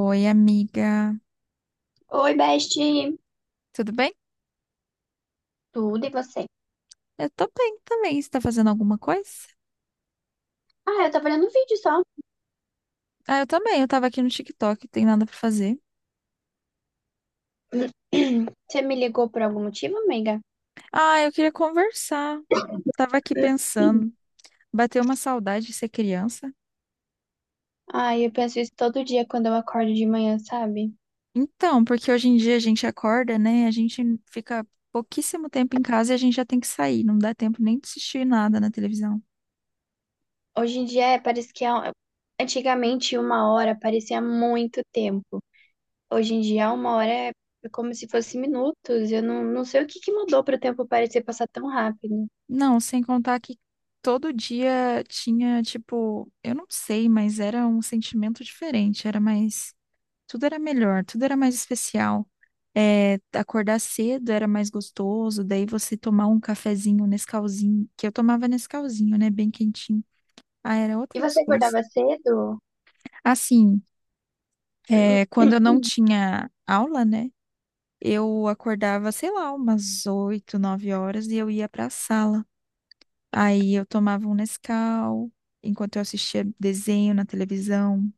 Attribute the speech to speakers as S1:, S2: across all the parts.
S1: Oi, amiga.
S2: Oi, Best.
S1: Tudo bem?
S2: Tudo e você?
S1: Eu tô bem também. Você tá fazendo alguma coisa?
S2: Ah, eu tava olhando um vídeo só.
S1: Ah, eu também. Eu tava aqui no TikTok, tem nada pra fazer.
S2: Você me ligou por algum motivo, amiga?
S1: Ah, eu queria conversar. Tava aqui pensando. Bateu uma saudade de ser criança.
S2: Ai, eu penso isso todo dia quando eu acordo de manhã, sabe?
S1: Então, porque hoje em dia a gente acorda, né? A gente fica pouquíssimo tempo em casa e a gente já tem que sair. Não dá tempo nem de assistir nada na televisão.
S2: Hoje em dia é, parece que é, um, Antigamente uma hora parecia muito tempo. Hoje em dia uma hora é como se fosse minutos. Eu não sei o que que mudou para o tempo parecer passar tão rápido.
S1: Não, sem contar que todo dia tinha, tipo, eu não sei, mas era um sentimento diferente. Era mais. Tudo era melhor, tudo era mais especial. É, acordar cedo era mais gostoso, daí você tomar um cafezinho, um Nescauzinho, que eu tomava Nescauzinho, né, bem quentinho. Ah, era
S2: E
S1: outras
S2: você
S1: coisas.
S2: acordava cedo?
S1: Assim, é, quando eu não tinha aula, né, eu acordava, sei lá, umas 8, 9 horas e eu ia para a sala. Aí eu tomava um Nescau enquanto eu assistia desenho na televisão.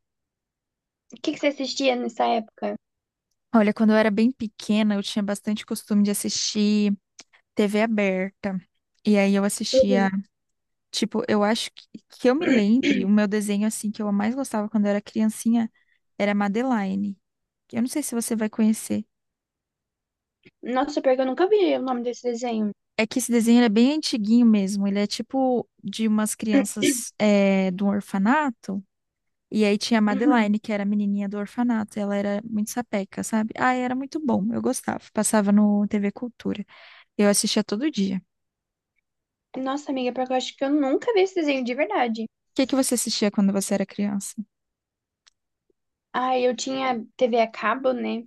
S2: O que que você assistia nessa época?
S1: Olha, quando eu era bem pequena, eu tinha bastante costume de assistir TV aberta. E aí eu
S2: Uhum.
S1: assistia, tipo, eu acho que eu me lembre, o meu desenho assim que eu mais gostava quando eu era criancinha era Madeline. Que Eu não sei se você vai conhecer.
S2: Nossa, pior que eu nunca vi o nome desse desenho.
S1: É que esse desenho ele é bem antiguinho mesmo. Ele é tipo de umas crianças de um orfanato. E aí tinha a
S2: Uhum.
S1: Madeline, que era a menininha do orfanato. Ela era muito sapeca, sabe? Ah, era muito bom. Eu gostava. Passava no TV Cultura. Eu assistia todo dia. O
S2: Nossa, amiga, porque eu acho que eu nunca vi esse desenho de verdade.
S1: que que você assistia quando você era criança?
S2: Ai, eu tinha TV a cabo, né?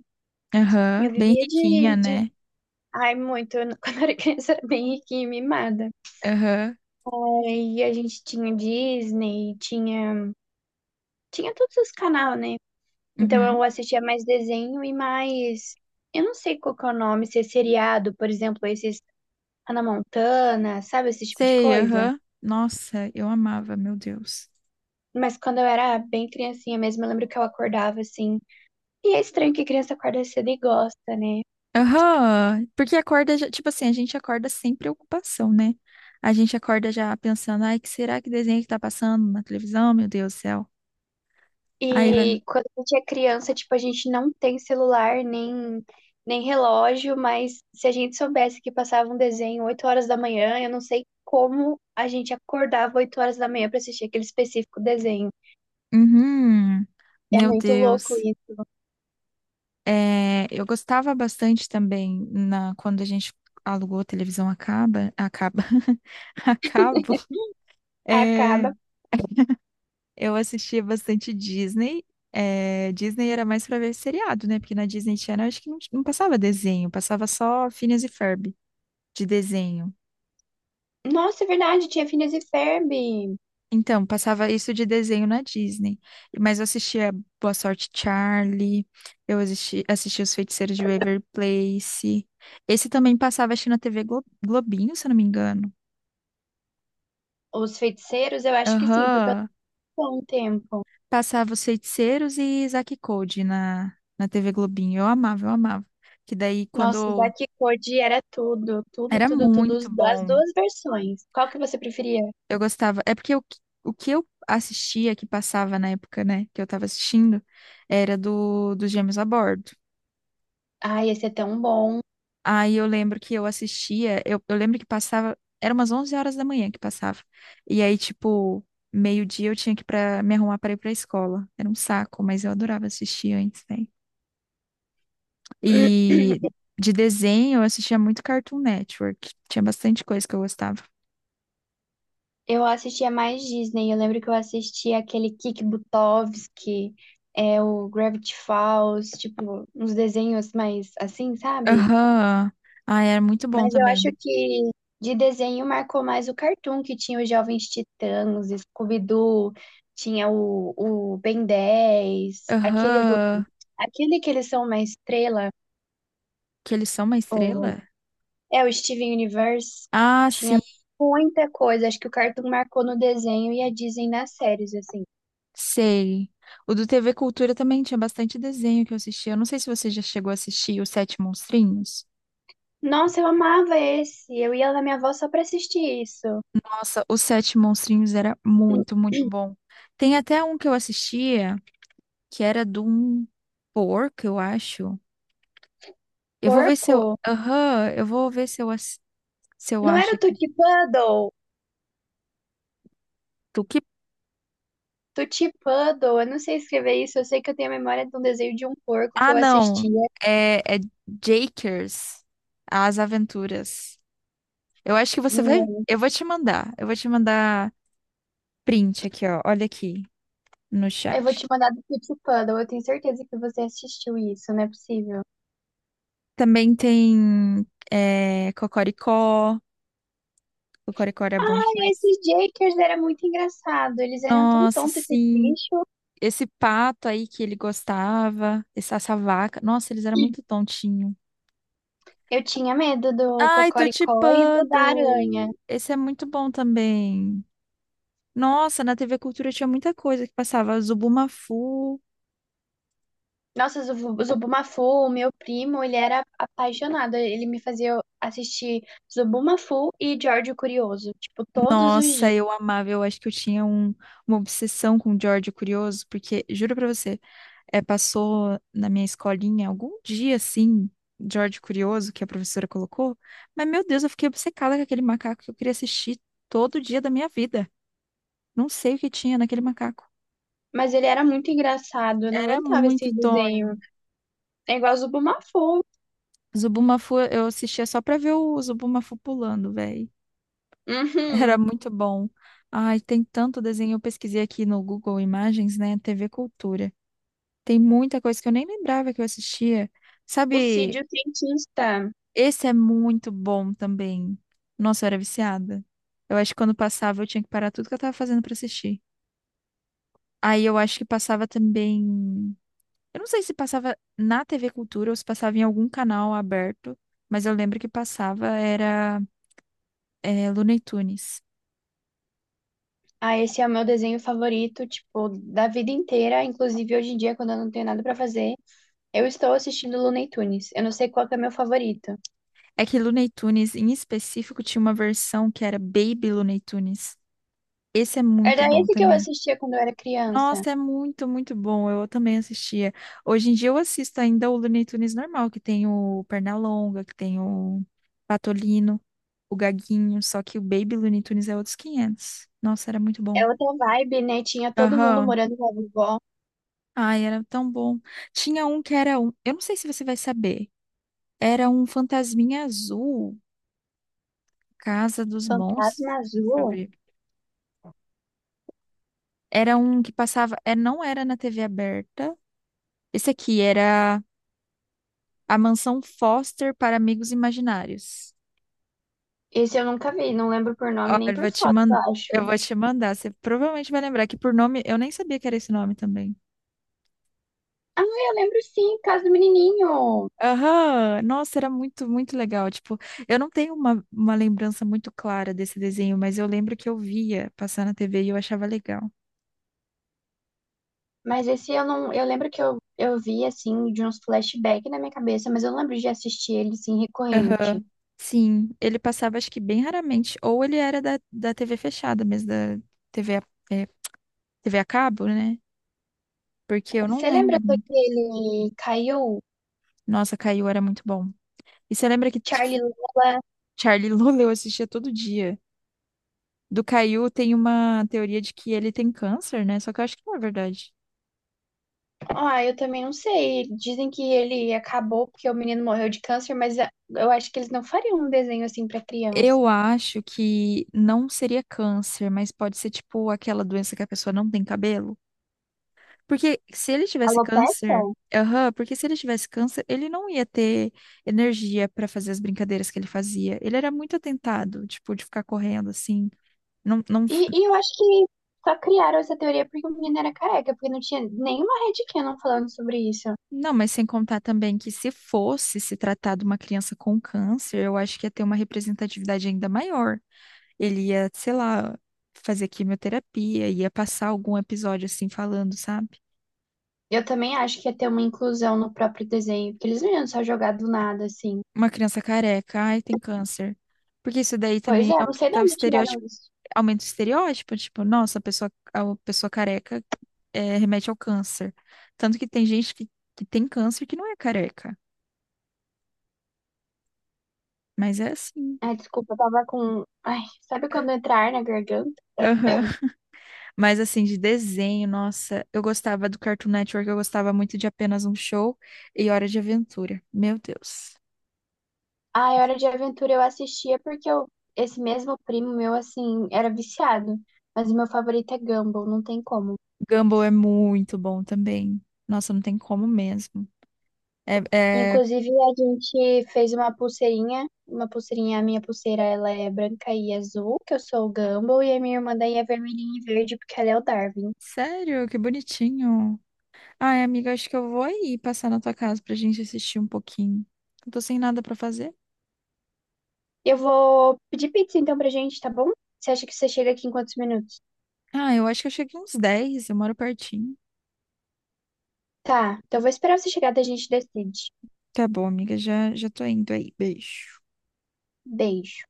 S1: Aham,
S2: Eu
S1: bem
S2: vivia
S1: riquinha,
S2: de, de...
S1: né?
S2: Ai, muito. Eu não- Quando eu era criança, era bem riquinha e mimada.
S1: Aham,
S2: Aí a gente tinha Disney, tinha... Tinha todos os canais, né? Então
S1: uhum.
S2: eu assistia mais desenho e mais... Eu não sei qual que é o nome, se é seriado, por exemplo, esses Hannah Montana, sabe? Esse tipo de
S1: Sei,
S2: coisa.
S1: aham. Nossa, eu amava, meu Deus.
S2: Mas quando eu era bem criancinha mesmo, eu lembro que eu acordava, assim... E é estranho que criança acorda cedo e gosta, né?
S1: Aham, porque acorda, já, tipo assim, a gente acorda sem preocupação, né? A gente acorda já pensando, ai, que será que desenho que tá passando na televisão, meu Deus do céu. Aí vai.
S2: E quando a gente é criança, tipo, a gente não tem celular nem, nem relógio, mas se a gente soubesse que passava um desenho 8 horas da manhã, eu não sei como a gente acordava 8 horas da manhã para assistir aquele específico desenho.
S1: Uhum,
S2: É
S1: meu
S2: muito louco
S1: Deus.
S2: isso.
S1: É, eu gostava bastante também na, quando a gente alugou a televisão a caba, a cabo. É,
S2: Acaba.
S1: Eu assistia bastante Disney. É, Disney era mais pra ver seriado, né? Porque na Disney Channel acho que não passava desenho, passava só Phineas e Ferb de desenho.
S2: Nossa, é verdade, tinha Phineas e Ferb.
S1: Então, passava isso de desenho na Disney. Mas eu assistia Boa Sorte Charlie, eu assisti Os Feiticeiros de Waverly Place. Esse também passava, acho que na TV Glo- Globinho, se eu não me engano.
S2: Os feiticeiros, eu acho que sim, porque eu
S1: Aham.
S2: não um tempo.
S1: Passava Os Feiticeiros e Zack e Cody na TV Globinho. Eu amava, eu amava. Que daí,
S2: Nossa,
S1: quando
S2: Zack e Cody era tudo, tudo,
S1: Era
S2: tudo, tudo,
S1: muito
S2: as
S1: bom.
S2: duas versões. Qual que você preferia?
S1: Eu gostava. É porque o que eu assistia, que passava na época, né, que eu tava assistindo, era dos Gêmeos a Bordo.
S2: Ai, esse é tão bom.
S1: Aí eu lembro que eu assistia, eu lembro que passava, era umas 11 horas da manhã que passava. E aí, tipo, meio-dia eu tinha que para me arrumar para ir pra escola. Era um saco, mas eu adorava assistir antes, né? E de desenho eu assistia muito Cartoon Network. Tinha bastante coisa que eu gostava.
S2: Eu assistia mais Disney. Eu lembro que eu assistia aquele Kik Buttowski, o Gravity Falls, tipo, uns desenhos mais assim, sabe?
S1: Aham. Ah, era muito bom
S2: Mas eu acho
S1: também.
S2: que de desenho marcou mais o Cartoon, que tinha os Jovens Titãs, Scooby-Doo, tinha o Ben dez aquele,
S1: Aham.
S2: aquele que eles são uma estrela,
S1: Que eles são uma
S2: o,
S1: estrela?
S2: é o Steven Universe.
S1: Ah,
S2: Tinha
S1: sim,
S2: muita coisa. Acho que o Cartoon marcou no desenho e a Disney nas séries, assim.
S1: sei. O do TV Cultura também tinha bastante desenho que eu assistia. Eu não sei se você já chegou a assistir Os Sete Monstrinhos.
S2: Nossa, eu amava esse. Eu ia na minha avó só pra assistir isso.
S1: Nossa, Os Sete Monstrinhos era muito, muito bom. Tem até um que eu assistia que era de um porco, eu acho. Eu vou ver se eu.
S2: Porco?
S1: Aham, eu vou ver se eu, ass- se eu
S2: Não era
S1: acho
S2: o
S1: aqui.
S2: Tutti Puddle?
S1: Tu que.
S2: Tutti Puddle, eu não sei escrever isso. Eu sei que eu tenho a memória de um desenho de um porco que
S1: Ah,
S2: eu assistia.
S1: não. É Jakers, As Aventuras. Eu acho que você vai.
S2: Não.
S1: Eu vou te mandar. Eu vou te mandar print aqui, ó. Olha aqui no
S2: Eu vou te
S1: chat.
S2: mandar do Tutti Puddle. Eu tenho certeza que você assistiu isso, não é possível.
S1: Também tem Cocoricó. Cocoricó era bom
S2: Ai,
S1: demais.
S2: esses Jakers era muito engraçado. Eles eram tão
S1: Nossa,
S2: tontos, esses
S1: sim.
S2: bichos.
S1: Esse pato aí que ele gostava, essa vaca. Nossa, eles eram muito tontinho.
S2: Eu tinha medo do
S1: Ai,
S2: Cocoricó e do da aranha.
S1: Tutipando! Esse é muito bom também. Nossa, na TV Cultura tinha muita coisa que passava. Zubumafu.
S2: Nossa, Zubumafu, meu primo, ele era apaixonado. Ele me fazia assistir Zubumafu e George Curioso, tipo, todos os
S1: Nossa,
S2: dias.
S1: eu amava. Eu acho que eu tinha um, uma obsessão com o George Curioso, porque, juro pra você, É, passou na minha escolinha algum dia assim, George Curioso, que a professora colocou. Mas, meu Deus, eu fiquei obcecada com aquele macaco que eu queria assistir todo dia da minha vida. Não sei o que tinha naquele macaco.
S2: Mas ele era muito engraçado, eu não
S1: Era
S2: aguentava
S1: muito
S2: esse desenho.
S1: Tonho.
S2: É igual Zubumafu.
S1: Zubumafu, eu assistia só pra ver o Zubumafu pulando, velho. Era
S2: Uhum.
S1: muito bom. Ai, tem tanto desenho. Eu pesquisei aqui no Google Imagens, né? TV Cultura. Tem muita coisa que eu nem lembrava que eu assistia.
S2: O Cid
S1: Sabe
S2: o Cientista.
S1: Esse é muito bom também. Nossa, eu era viciada. Eu acho que quando passava eu tinha que parar tudo que eu tava fazendo pra assistir. Aí eu acho que passava também. Eu não sei se passava na TV Cultura ou se passava em algum canal aberto, mas eu lembro que passava era Looney Tunes.
S2: Ah, esse é o meu desenho favorito, tipo, da vida inteira. Inclusive, hoje em dia, quando eu não tenho nada pra fazer, eu estou assistindo Looney Tunes. Eu não sei qual que é meu favorito.
S1: É que Looney Tunes, em específico, tinha uma versão que era Baby Looney Tunes. Esse é muito
S2: Era
S1: bom
S2: esse que eu
S1: também.
S2: assistia quando eu era criança.
S1: Nossa, é muito, muito bom. Eu também assistia. Hoje em dia eu assisto ainda o Looney Tunes normal, que tem o Pernalonga, que tem o Patolino, o Gaguinho, só que o Baby Looney Tunes é outros 500. Nossa, era muito bom.
S2: É outra vibe, né? Tinha todo mundo
S1: Aham.
S2: morando com a vovó.
S1: Ai, era tão bom. Tinha um que era um, eu não sei se você vai saber. Era um fantasminha azul, Casa dos Monstros.
S2: Fantasma
S1: Deixa eu
S2: Azul.
S1: ver. Era um que passava, não era na TV aberta. Esse aqui era A Mansão Foster para Amigos Imaginários.
S2: Esse eu nunca vi, não lembro por nome
S1: Olha,
S2: nem
S1: eu
S2: por
S1: vou te
S2: foto, eu
S1: mandar.
S2: acho.
S1: Eu vou te mandar. Você provavelmente vai lembrar que por nome, eu nem sabia que era esse nome também.
S2: Ah, eu lembro sim, Casa do Menininho.
S1: Aham, Nossa, era muito, muito legal. Tipo, eu não tenho uma lembrança muito clara desse desenho, mas eu lembro que eu via passar na TV e eu achava legal.
S2: Mas esse eu não. Eu lembro que eu vi, assim, de uns flashbacks na minha cabeça, mas eu não lembro de assistir ele, assim, recorrente.
S1: Aham. Sim, ele passava acho que bem raramente, ou ele era da TV fechada mesmo, da TV a, é, TV a cabo, né? Porque eu não
S2: Você lembra
S1: lembro.
S2: daquele caiu?
S1: Nossa, Caiu era muito bom. E você lembra que
S2: Charlie Lula?
S1: Charlie Lula eu assistia todo dia. Do Caio tem uma teoria de que ele tem câncer, né? Só que eu acho que não é verdade.
S2: Ah, eu também não sei. Dizem que ele acabou porque o menino morreu de câncer, mas ah, eu acho que eles não fariam um desenho assim pra criança.
S1: Eu acho que não seria câncer, mas pode ser tipo aquela doença que a pessoa não tem cabelo. Porque se ele tivesse
S2: Alopecia?
S1: câncer, aham, porque se ele tivesse câncer, ele não ia ter energia pra fazer as brincadeiras que ele fazia. Ele era muito atentado, tipo, de ficar correndo assim. Não, não,
S2: E eu acho que só criaram essa teoria porque o menino era careca, porque não tinha nenhuma Red Canon falando sobre isso.
S1: Não, mas sem contar também que se fosse se tratar de uma criança com câncer, eu acho que ia ter uma representatividade ainda maior. Ele ia, sei lá, fazer quimioterapia, ia passar algum episódio assim falando, sabe?
S2: Eu também acho que ia ter uma inclusão no próprio desenho, porque eles não iam só jogar do nada, assim.
S1: Uma criança careca, ai, tem câncer. Porque isso daí
S2: Pois
S1: também
S2: é, não sei de onde tiraram isso.
S1: aumenta o estereótipo, tipo, nossa, a pessoa careca remete ao câncer. Tanto que tem que tem câncer que não é careca, mas é assim.
S2: Ai, desculpa, eu tava com. Ai, sabe quando entrar na garganta?
S1: Mas assim, de desenho, nossa, eu gostava do Cartoon Network, eu gostava muito de Apenas um Show e Hora de Aventura. Meu Deus.
S2: Ai, Hora de Aventura eu assistia porque eu... esse mesmo primo meu, assim, era viciado. Mas o meu favorito é Gumball, não tem como.
S1: Gumball é muito bom também. Nossa, não tem como mesmo. É, é-
S2: Inclusive, a gente fez uma pulseirinha. Uma pulseirinha, a minha pulseira, ela é branca e azul, que eu sou o Gumball, e a minha irmã daí é vermelhinha e verde, porque ela é o Darwin.
S1: Sério, que bonitinho. Ai, amiga, acho que eu vou aí passar na tua casa pra gente assistir um pouquinho. Eu tô sem nada pra fazer.
S2: Eu vou pedir pizza então pra gente, tá bom? Você acha que você chega aqui em quantos minutos?
S1: Ah, eu acho que eu cheguei uns 10, eu moro pertinho.
S2: Tá, então eu vou esperar você chegar, daí a gente decide.
S1: Tá bom, amiga, já tô indo aí. Beijo.
S2: Beijo.